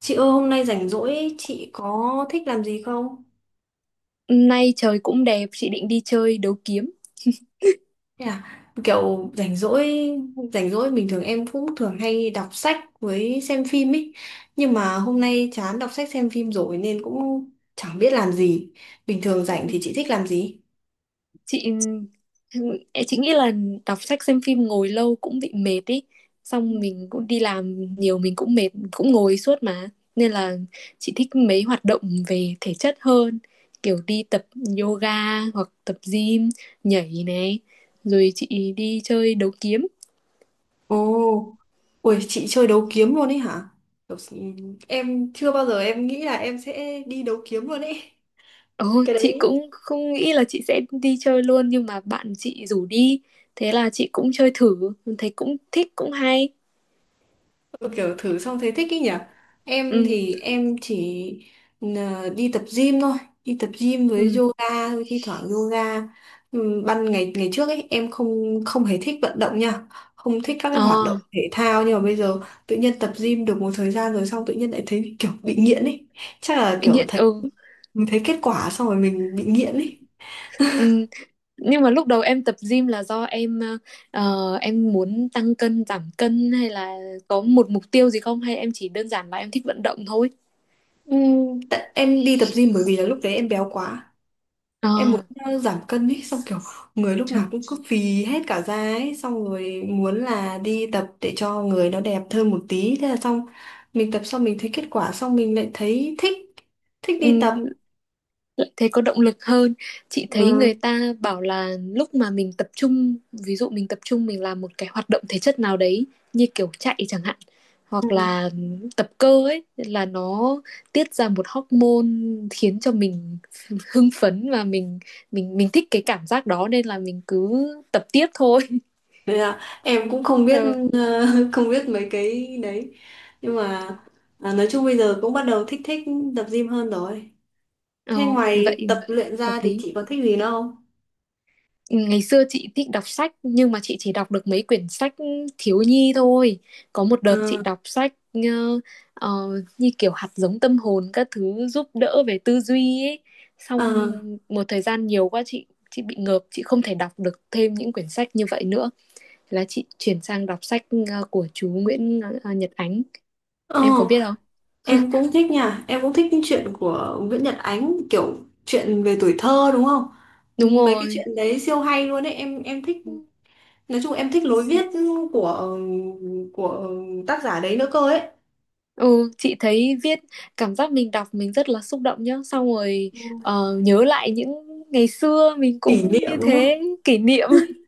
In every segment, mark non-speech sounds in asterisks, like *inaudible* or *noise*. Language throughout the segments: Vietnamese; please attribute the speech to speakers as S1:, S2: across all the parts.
S1: Chị ơi, hôm nay rảnh rỗi chị có thích làm gì không?
S2: Nay trời cũng đẹp, chị định đi chơi đấu kiếm.
S1: Thế à, kiểu rảnh rỗi bình thường em cũng thường hay đọc sách với xem phim ấy, nhưng mà hôm nay chán đọc sách xem phim rồi nên cũng chẳng biết làm gì. Bình thường
S2: Ừ.
S1: rảnh thì chị thích làm gì?
S2: Chị chị nghĩ là đọc sách xem phim ngồi lâu cũng bị mệt ý.
S1: Ừ.
S2: Xong mình cũng đi làm nhiều mình cũng mệt, cũng ngồi suốt mà. Nên là chị thích mấy hoạt động về thể chất hơn, kiểu đi tập yoga hoặc tập gym, nhảy này, rồi chị đi chơi đấu kiếm.
S1: Ồ, ui chị chơi đấu kiếm luôn ấy hả? Kiểu, em chưa bao giờ em nghĩ là em sẽ đi đấu kiếm luôn ấy,
S2: Ừ,
S1: cái
S2: chị
S1: đấy.
S2: cũng không nghĩ là chị sẽ đi chơi luôn nhưng mà bạn chị rủ đi, thế là chị cũng chơi thử, thấy cũng thích cũng hay.
S1: Ừ, kiểu thử xong thấy thích ý nhỉ. Em
S2: Ừ.
S1: thì em chỉ đi tập gym thôi, đi tập gym với
S2: Ừ.
S1: yoga thôi, thi thoảng yoga. Ừ, ban ngày ngày trước ấy em không không hề thích vận động nha, không thích các cái hoạt
S2: Ờ,
S1: động thể thao, nhưng mà bây giờ tự nhiên tập gym được một thời gian rồi, xong tự nhiên lại thấy kiểu bị nghiện ấy. Chắc là
S2: bị
S1: kiểu
S2: nghiện.
S1: thấy
S2: Ừ.
S1: mình thấy kết quả xong rồi mình bị nghiện ấy.
S2: Ừ, nhưng mà lúc đầu em tập gym là do em em muốn tăng cân giảm cân hay là có một mục tiêu gì không, hay em chỉ đơn giản là em thích vận động thôi?
S1: Ừ, tại em đi tập gym bởi vì là lúc đấy em béo quá,
S2: Ờ.
S1: em muốn giảm cân ấy, xong kiểu người lúc
S2: Trời.
S1: nào cũng cứ phì hết cả da ấy, xong rồi muốn là đi tập để cho người nó đẹp hơn một tí, thế là xong mình tập xong mình thấy kết quả xong mình lại thấy thích thích
S2: Ừ,
S1: đi tập.
S2: lại thấy có động lực hơn. Chị thấy
S1: Ừ.
S2: người ta bảo là lúc mà mình tập trung, ví dụ mình tập trung mình làm một cái hoạt động thể chất nào đấy, như kiểu chạy chẳng hạn,
S1: Ừ.
S2: hoặc là tập cơ ấy, là nó tiết ra một hormone khiến cho mình hưng phấn, và mình thích cái cảm giác đó nên là mình cứ tập tiếp thôi.
S1: Đấy là em cũng không biết,
S2: Ừ.
S1: ờ, *laughs* không biết mấy cái đấy, nhưng mà nói chung bây giờ cũng bắt đầu thích thích tập gym hơn rồi. Thế
S2: Ừ, vậy
S1: ngoài tập luyện
S2: hợp
S1: ra thì
S2: lý.
S1: chị có thích gì nữa không?
S2: Ngày xưa chị thích đọc sách nhưng mà chị chỉ đọc được mấy quyển sách thiếu nhi thôi. Có một
S1: ờ
S2: đợt chị đọc sách, ờ, như kiểu hạt giống tâm hồn các thứ, giúp đỡ về tư duy ấy.
S1: ờ
S2: Xong một thời gian nhiều quá, chị bị ngợp, chị không thể đọc được thêm những quyển sách như vậy nữa. Thế là chị chuyển sang đọc sách của chú Nguyễn, Nhật Ánh.
S1: ờ
S2: Em có biết không?
S1: Em cũng thích nha, em cũng thích những chuyện của Nguyễn Nhật Ánh, kiểu chuyện về tuổi thơ đúng không? Ừ,
S2: Đúng
S1: mấy cái
S2: rồi.
S1: chuyện đấy siêu hay luôn đấy, em thích. Nói chung em thích lối viết của của tác giả đấy nữa cơ ấy.
S2: Ừ, chị thấy viết cảm giác mình đọc mình rất là xúc động nhá, xong rồi
S1: Ừ.
S2: nhớ lại những ngày xưa mình
S1: Kỷ
S2: cũng
S1: niệm
S2: như
S1: đúng không?
S2: thế, kỷ niệm.
S1: *laughs*
S2: *laughs*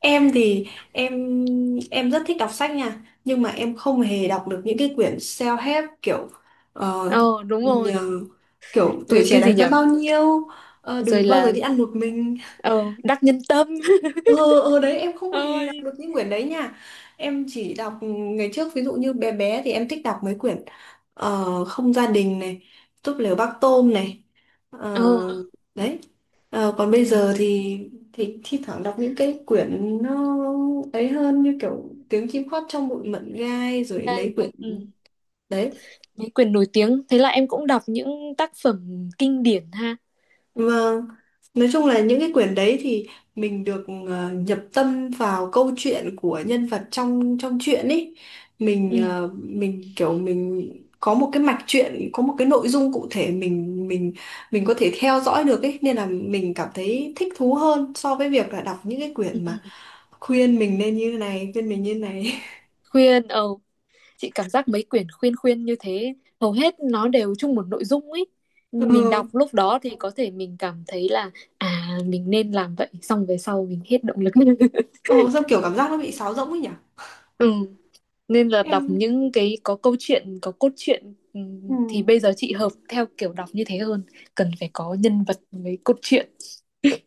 S1: Em thì em em rất thích đọc sách nha, nhưng mà em không hề đọc được những cái quyển self-help, kiểu ờ,
S2: Ờ, đúng rồi.
S1: nhờ, kiểu tuổi
S2: Ừ,
S1: trẻ
S2: cái gì
S1: đáng giá
S2: nhở.
S1: bao nhiêu,
S2: Rồi
S1: đừng bao giờ
S2: là,
S1: đi ăn một mình,
S2: ờ, Đắc Nhân Tâm. *laughs*
S1: ờ đấy em không hề đọc
S2: Ơi.
S1: được những quyển đấy nha. Em chỉ đọc ngày trước, ví dụ như bé bé thì em thích đọc mấy quyển không gia đình này, túp lều bác tôm này.
S2: Ờ.
S1: Ờ, đấy. Còn bây
S2: Ừ,
S1: giờ thì thi thoảng đọc những cái quyển nó ấy hơn, như kiểu tiếng chim hót trong bụi mận gai rồi
S2: đây.
S1: mấy quyển
S2: Ừ.
S1: đấy.
S2: Mấy quyển nổi tiếng, thế là em cũng đọc những tác phẩm kinh điển ha.
S1: Vâng, nói chung là những cái quyển đấy thì mình được nhập tâm vào câu chuyện của nhân vật trong trong truyện ấy.
S2: Ừ.
S1: Mình kiểu mình có một cái mạch truyện, có một cái nội dung cụ thể, mình có thể theo dõi được ấy, nên là mình cảm thấy thích thú hơn so với việc là đọc những cái
S2: Ừ.
S1: quyển mà
S2: Ừ.
S1: khuyên mình nên như này, khuyên mình như này. *laughs*
S2: Khuyên, ờ, chị cảm giác mấy quyển khuyên khuyên như thế hầu hết nó đều chung một nội dung ấy, mình
S1: Ừ.
S2: đọc lúc đó thì có thể mình cảm thấy là à mình nên làm vậy, xong về sau mình hết động lực. *laughs*
S1: Ồ, sao kiểu cảm giác nó bị sáo rỗng ấy nhỉ?
S2: Ừ, nên là đọc
S1: Em
S2: những cái có câu chuyện, có cốt truyện, ừ,
S1: Ừ.
S2: thì bây giờ chị hợp theo kiểu đọc như thế hơn, cần phải có nhân vật với cốt truyện.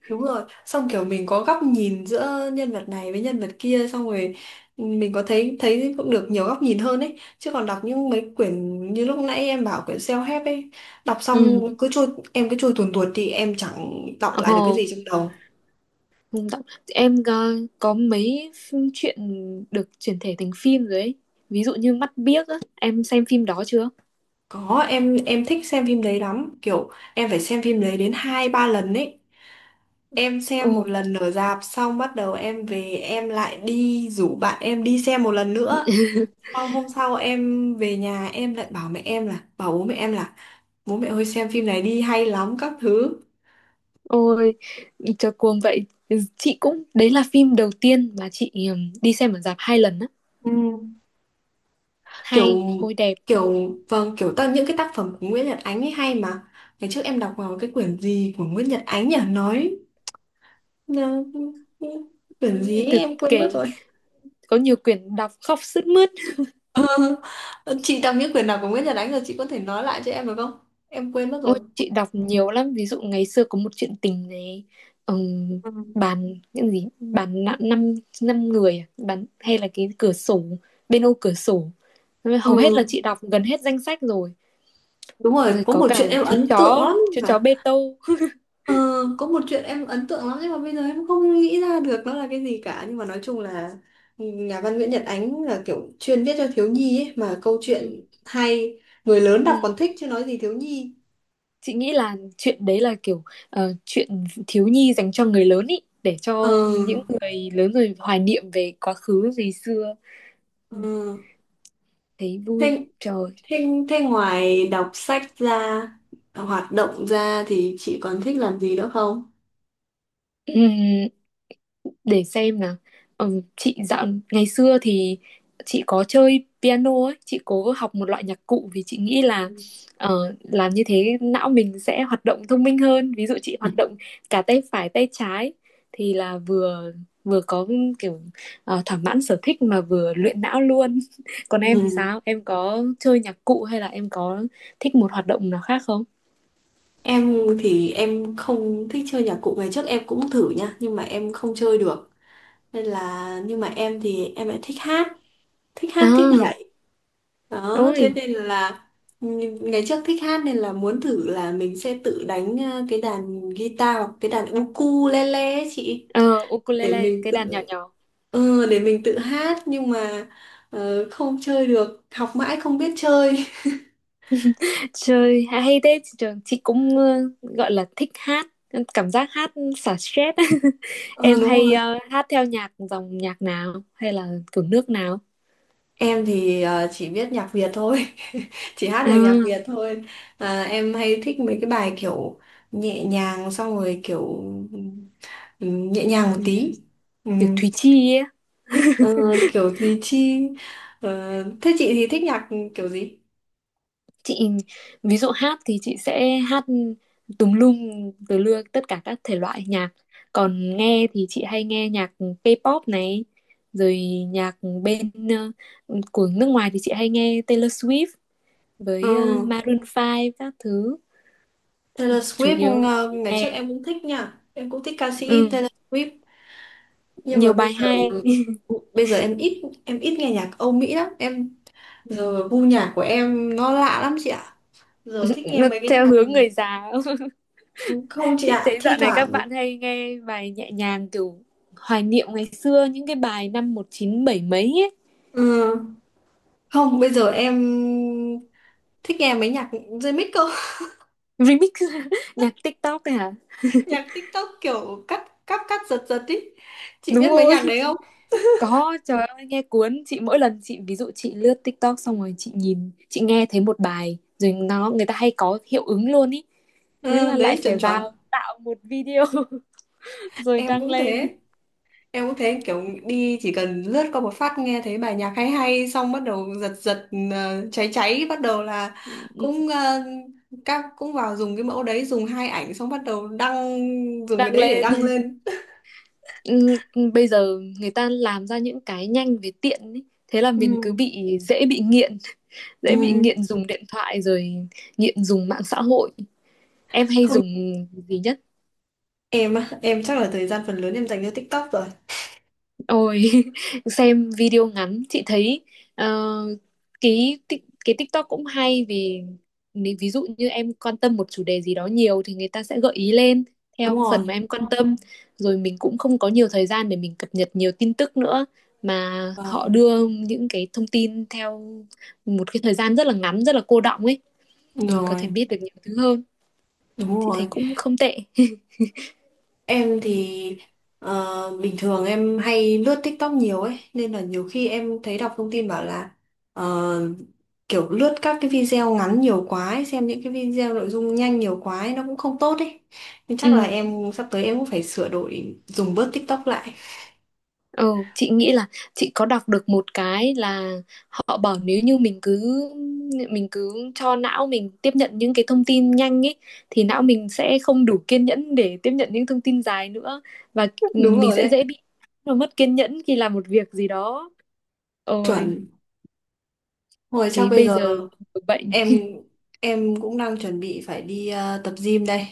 S1: Đúng rồi, xong kiểu mình có góc nhìn giữa nhân vật này với nhân vật kia, xong rồi ừ, mình có thấy thấy cũng được nhiều góc nhìn hơn ấy, chứ còn đọc những mấy quyển như lúc nãy em bảo quyển self-help ấy, đọc
S2: Ừ.
S1: xong cứ trôi, em cứ trôi tuồn tuột thì em chẳng đọc lại
S2: Ồ,
S1: được cái gì trong đầu.
S2: em có mấy chuyện được chuyển thể thành phim rồi ấy, ví dụ như Mắt Biếc á, em xem phim đó chưa?
S1: Có, em thích xem phim đấy lắm, kiểu em phải xem phim đấy đến hai ba lần ấy. Em
S2: Ồ.
S1: xem một lần ở rạp, xong bắt đầu em về em lại đi rủ bạn em đi xem một lần nữa. Xong hôm sau em về nhà em lại bảo mẹ em là, bảo bố mẹ em là bố mẹ ơi xem phim này đi hay lắm các thứ.
S2: Ôi, cho cuồng vậy. Chị cũng, đấy là phim đầu tiên mà chị đi xem ở rạp hai lần á.
S1: Ừ, kiểu
S2: Hay, ôi đẹp.
S1: kiểu vâng, kiểu tất những cái tác phẩm của Nguyễn Nhật Ánh ấy hay mà. Ngày trước em đọc vào cái quyển gì của Nguyễn Nhật Ánh nhỉ, nói ờ, quyển gì
S2: Em
S1: ấy,
S2: thực
S1: em quên mất
S2: kể,
S1: rồi.
S2: có nhiều quyển đọc khóc sướt mướt.
S1: *laughs* Ờ, chị đọc những quyển nào của Nguyễn Nhật Ánh rồi chị có thể nói lại cho em được không, em quên mất rồi.
S2: Ôi, chị đọc nhiều lắm. Ví dụ ngày xưa có một chuyện tình này, ừm,
S1: Ừ.
S2: bàn, những gì, bàn nặng năm, năm người, à? Bàn, hay là cái cửa sổ, bên ô cửa sổ. Hầu hết là
S1: ừ
S2: chị đọc gần hết danh sách rồi.
S1: đúng rồi,
S2: Rồi có cả
S1: lắm
S2: chú chó Bê Tô.
S1: Ờ, có một chuyện em ấn tượng lắm, nhưng mà bây giờ em không nghĩ ra được nó là cái gì cả, nhưng mà nói chung là nhà văn Nguyễn Nhật Ánh là kiểu chuyên viết cho thiếu nhi ấy, mà câu
S2: Ừ.
S1: chuyện hay, người lớn đọc còn
S2: Ừ.
S1: thích chứ nói gì thiếu nhi.
S2: Chị nghĩ là chuyện đấy là kiểu chuyện thiếu nhi dành cho người lớn ý, để
S1: ờ
S2: cho những người lớn rồi hoài niệm về quá khứ, về xưa. Ừ.
S1: ờ
S2: Thấy vui.
S1: Thế,
S2: Trời.
S1: thế, thế ngoài đọc sách ra, hoạt động ra thì chị còn thích làm gì nữa không?
S2: Ừm, để xem nào. Ừ, chị ngày xưa thì chị có chơi piano ấy, chị cố học một loại nhạc cụ vì chị nghĩ là
S1: *laughs*
S2: làm như thế não mình sẽ hoạt động thông minh hơn, ví dụ chị
S1: Ừ.
S2: hoạt động cả tay phải tay trái, thì là vừa vừa có kiểu thỏa mãn sở thích mà vừa luyện não luôn. *laughs* Còn em thì
S1: Ừ.
S2: sao, em có chơi nhạc cụ hay là em có thích một hoạt động nào khác không?
S1: Em thì em không thích chơi nhạc cụ, ngày trước em cũng thử nha, nhưng mà em không chơi được, nên là, nhưng mà em thì em lại thích hát, thích Dạ.
S2: À.
S1: nhảy đó, thế
S2: Ôi.
S1: nên là ừ, ngày trước thích hát nên là muốn thử là mình sẽ tự đánh cái đàn guitar hoặc cái đàn ukulele ấy chị,
S2: Ờ,
S1: để
S2: ukulele,
S1: mình
S2: cái
S1: tự
S2: đàn nhỏ nhỏ.
S1: để mình tự hát, nhưng mà không chơi được, học mãi không biết chơi.
S2: Trời, hay thế, trường chị cũng gọi là thích hát, cảm giác hát xả stress. *laughs*
S1: *laughs* Ừ,
S2: Em
S1: đúng
S2: hay
S1: rồi.
S2: hát theo nhạc dòng nhạc nào hay là kiểu nước nào?
S1: Em thì chỉ biết nhạc Việt thôi, *laughs* chỉ hát
S2: À,
S1: được nhạc Việt thôi. À, em hay thích mấy cái bài kiểu nhẹ nhàng, xong rồi kiểu nhẹ nhàng một tí.
S2: kiểu
S1: Ừm,
S2: Thùy Chi ấy.
S1: ờ, kiểu gì chi. Thế chị thì thích nhạc kiểu gì?
S2: Chị ví dụ hát thì chị sẽ hát tùm lum từ lưa tất cả các thể loại nhạc. Còn nghe thì chị hay nghe nhạc K-pop này, rồi nhạc bên, của nước ngoài thì chị hay nghe Taylor Swift với
S1: Ừ.
S2: Maroon 5 các thứ.
S1: Taylor
S2: Chủ
S1: Swift
S2: yếu là
S1: ngày trước
S2: nghe,
S1: em cũng thích nha. Em cũng thích ca sĩ
S2: ừ,
S1: Taylor Swift, nhưng mà
S2: nhiều
S1: bây
S2: bài
S1: giờ
S2: hay.
S1: bây giờ em ít nghe nhạc Âu Mỹ lắm. Em
S2: Ừ.
S1: giờ gu nhạc của em nó lạ lắm chị ạ. Giờ thích nghe
S2: Nó
S1: mấy cái
S2: theo
S1: nhạc,
S2: hướng người già. *laughs*
S1: không chị
S2: Chị
S1: ạ,
S2: thấy
S1: thi
S2: dạo này các
S1: thoảng
S2: bạn hay nghe bài nhẹ nhàng kiểu hoài niệm ngày xưa, những cái bài năm 197 mấy ấy.
S1: ừ. Không, bây giờ em thích nghe mấy nhạc dây mít cơ. *laughs*
S2: Remix. *laughs* Nhạc TikTok này hả?
S1: Nhạc TikTok kiểu cắt cắt cắt giật giật ý, chị
S2: Đúng
S1: biết mấy nhạc
S2: rồi,
S1: đấy không?
S2: có, trời ơi nghe cuốn chị, mỗi lần chị ví dụ chị lướt TikTok xong rồi chị nhìn chị nghe thấy một bài rồi nó người ta hay có hiệu ứng luôn ý, thế
S1: Ừ,
S2: là lại
S1: đấy chuẩn
S2: phải
S1: chuẩn.
S2: vào tạo một video. *laughs* Rồi
S1: em
S2: đăng
S1: cũng
S2: lên.
S1: thế em cũng thế kiểu đi chỉ cần lướt qua một phát nghe thấy bài nhạc hay hay, xong bắt đầu giật giật, cháy cháy bắt đầu là
S2: Ừ, ừ,
S1: cũng, các cũng vào dùng cái mẫu đấy, dùng hai ảnh xong bắt đầu đăng, dùng cái
S2: đăng
S1: đấy để
S2: lên.
S1: đăng lên.
S2: Ừ, bây giờ người ta làm ra những cái nhanh với tiện ý. Thế là
S1: Ừ.
S2: mình cứ bị dễ bị
S1: Ừ.
S2: nghiện dùng điện thoại rồi nghiện dùng mạng xã hội. Em hay
S1: Không.
S2: dùng gì nhất?
S1: Em á, em chắc là thời gian phần lớn em dành cho TikTok rồi.
S2: Ôi. *laughs* Xem video ngắn, chị thấy ờ, cái tik- cái TikTok cũng hay, vì nếu ví dụ như em quan tâm một chủ đề gì đó nhiều thì người ta sẽ gợi ý lên theo
S1: Đúng rồi.
S2: phần mà em quan tâm, rồi mình cũng không có nhiều thời gian để mình cập nhật nhiều tin tức nữa, mà họ
S1: Vâng,
S2: đưa những cái thông tin theo một cái thời gian rất là ngắn rất là cô đọng ấy, mình có thể
S1: rồi,
S2: biết được nhiều thứ hơn,
S1: đúng
S2: chị thấy
S1: rồi.
S2: cũng không tệ.
S1: Em thì bình thường em hay lướt TikTok nhiều ấy, nên là nhiều khi em thấy đọc thông tin bảo là ờ, kiểu lướt các cái video ngắn nhiều quá ấy, xem những cái video nội dung nhanh nhiều quá ấy, nó cũng không tốt ấy. Nên
S2: *laughs*
S1: chắc là
S2: Ừ.
S1: em sắp tới em cũng phải sửa đổi dùng bớt TikTok lại.
S2: Ừ, chị nghĩ là chị có đọc được một cái là họ bảo nếu như mình cứ cho não mình tiếp nhận những cái thông tin nhanh ấy thì não mình sẽ không đủ kiên nhẫn để tiếp nhận những thông tin dài nữa, và,
S1: *laughs*
S2: ừ,
S1: Đúng
S2: mình
S1: rồi
S2: sẽ
S1: đấy,
S2: dễ bị nó mất kiên nhẫn khi làm một việc gì đó. Ôi,
S1: chuẩn. Rồi chắc
S2: thế
S1: bây
S2: bây
S1: giờ
S2: giờ bệnh.
S1: em em cũng đang chuẩn bị phải đi tập gym đây.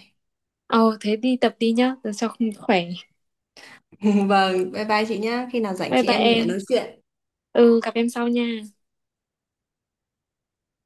S2: Ồ, thế đi tập đi nhá, cho khỏe.
S1: *laughs* Vâng, bye bye chị nhá. Khi nào rảnh
S2: Bye
S1: chị
S2: bye
S1: em mình lại
S2: em.
S1: nói chuyện.
S2: Ừ, gặp em sau nha.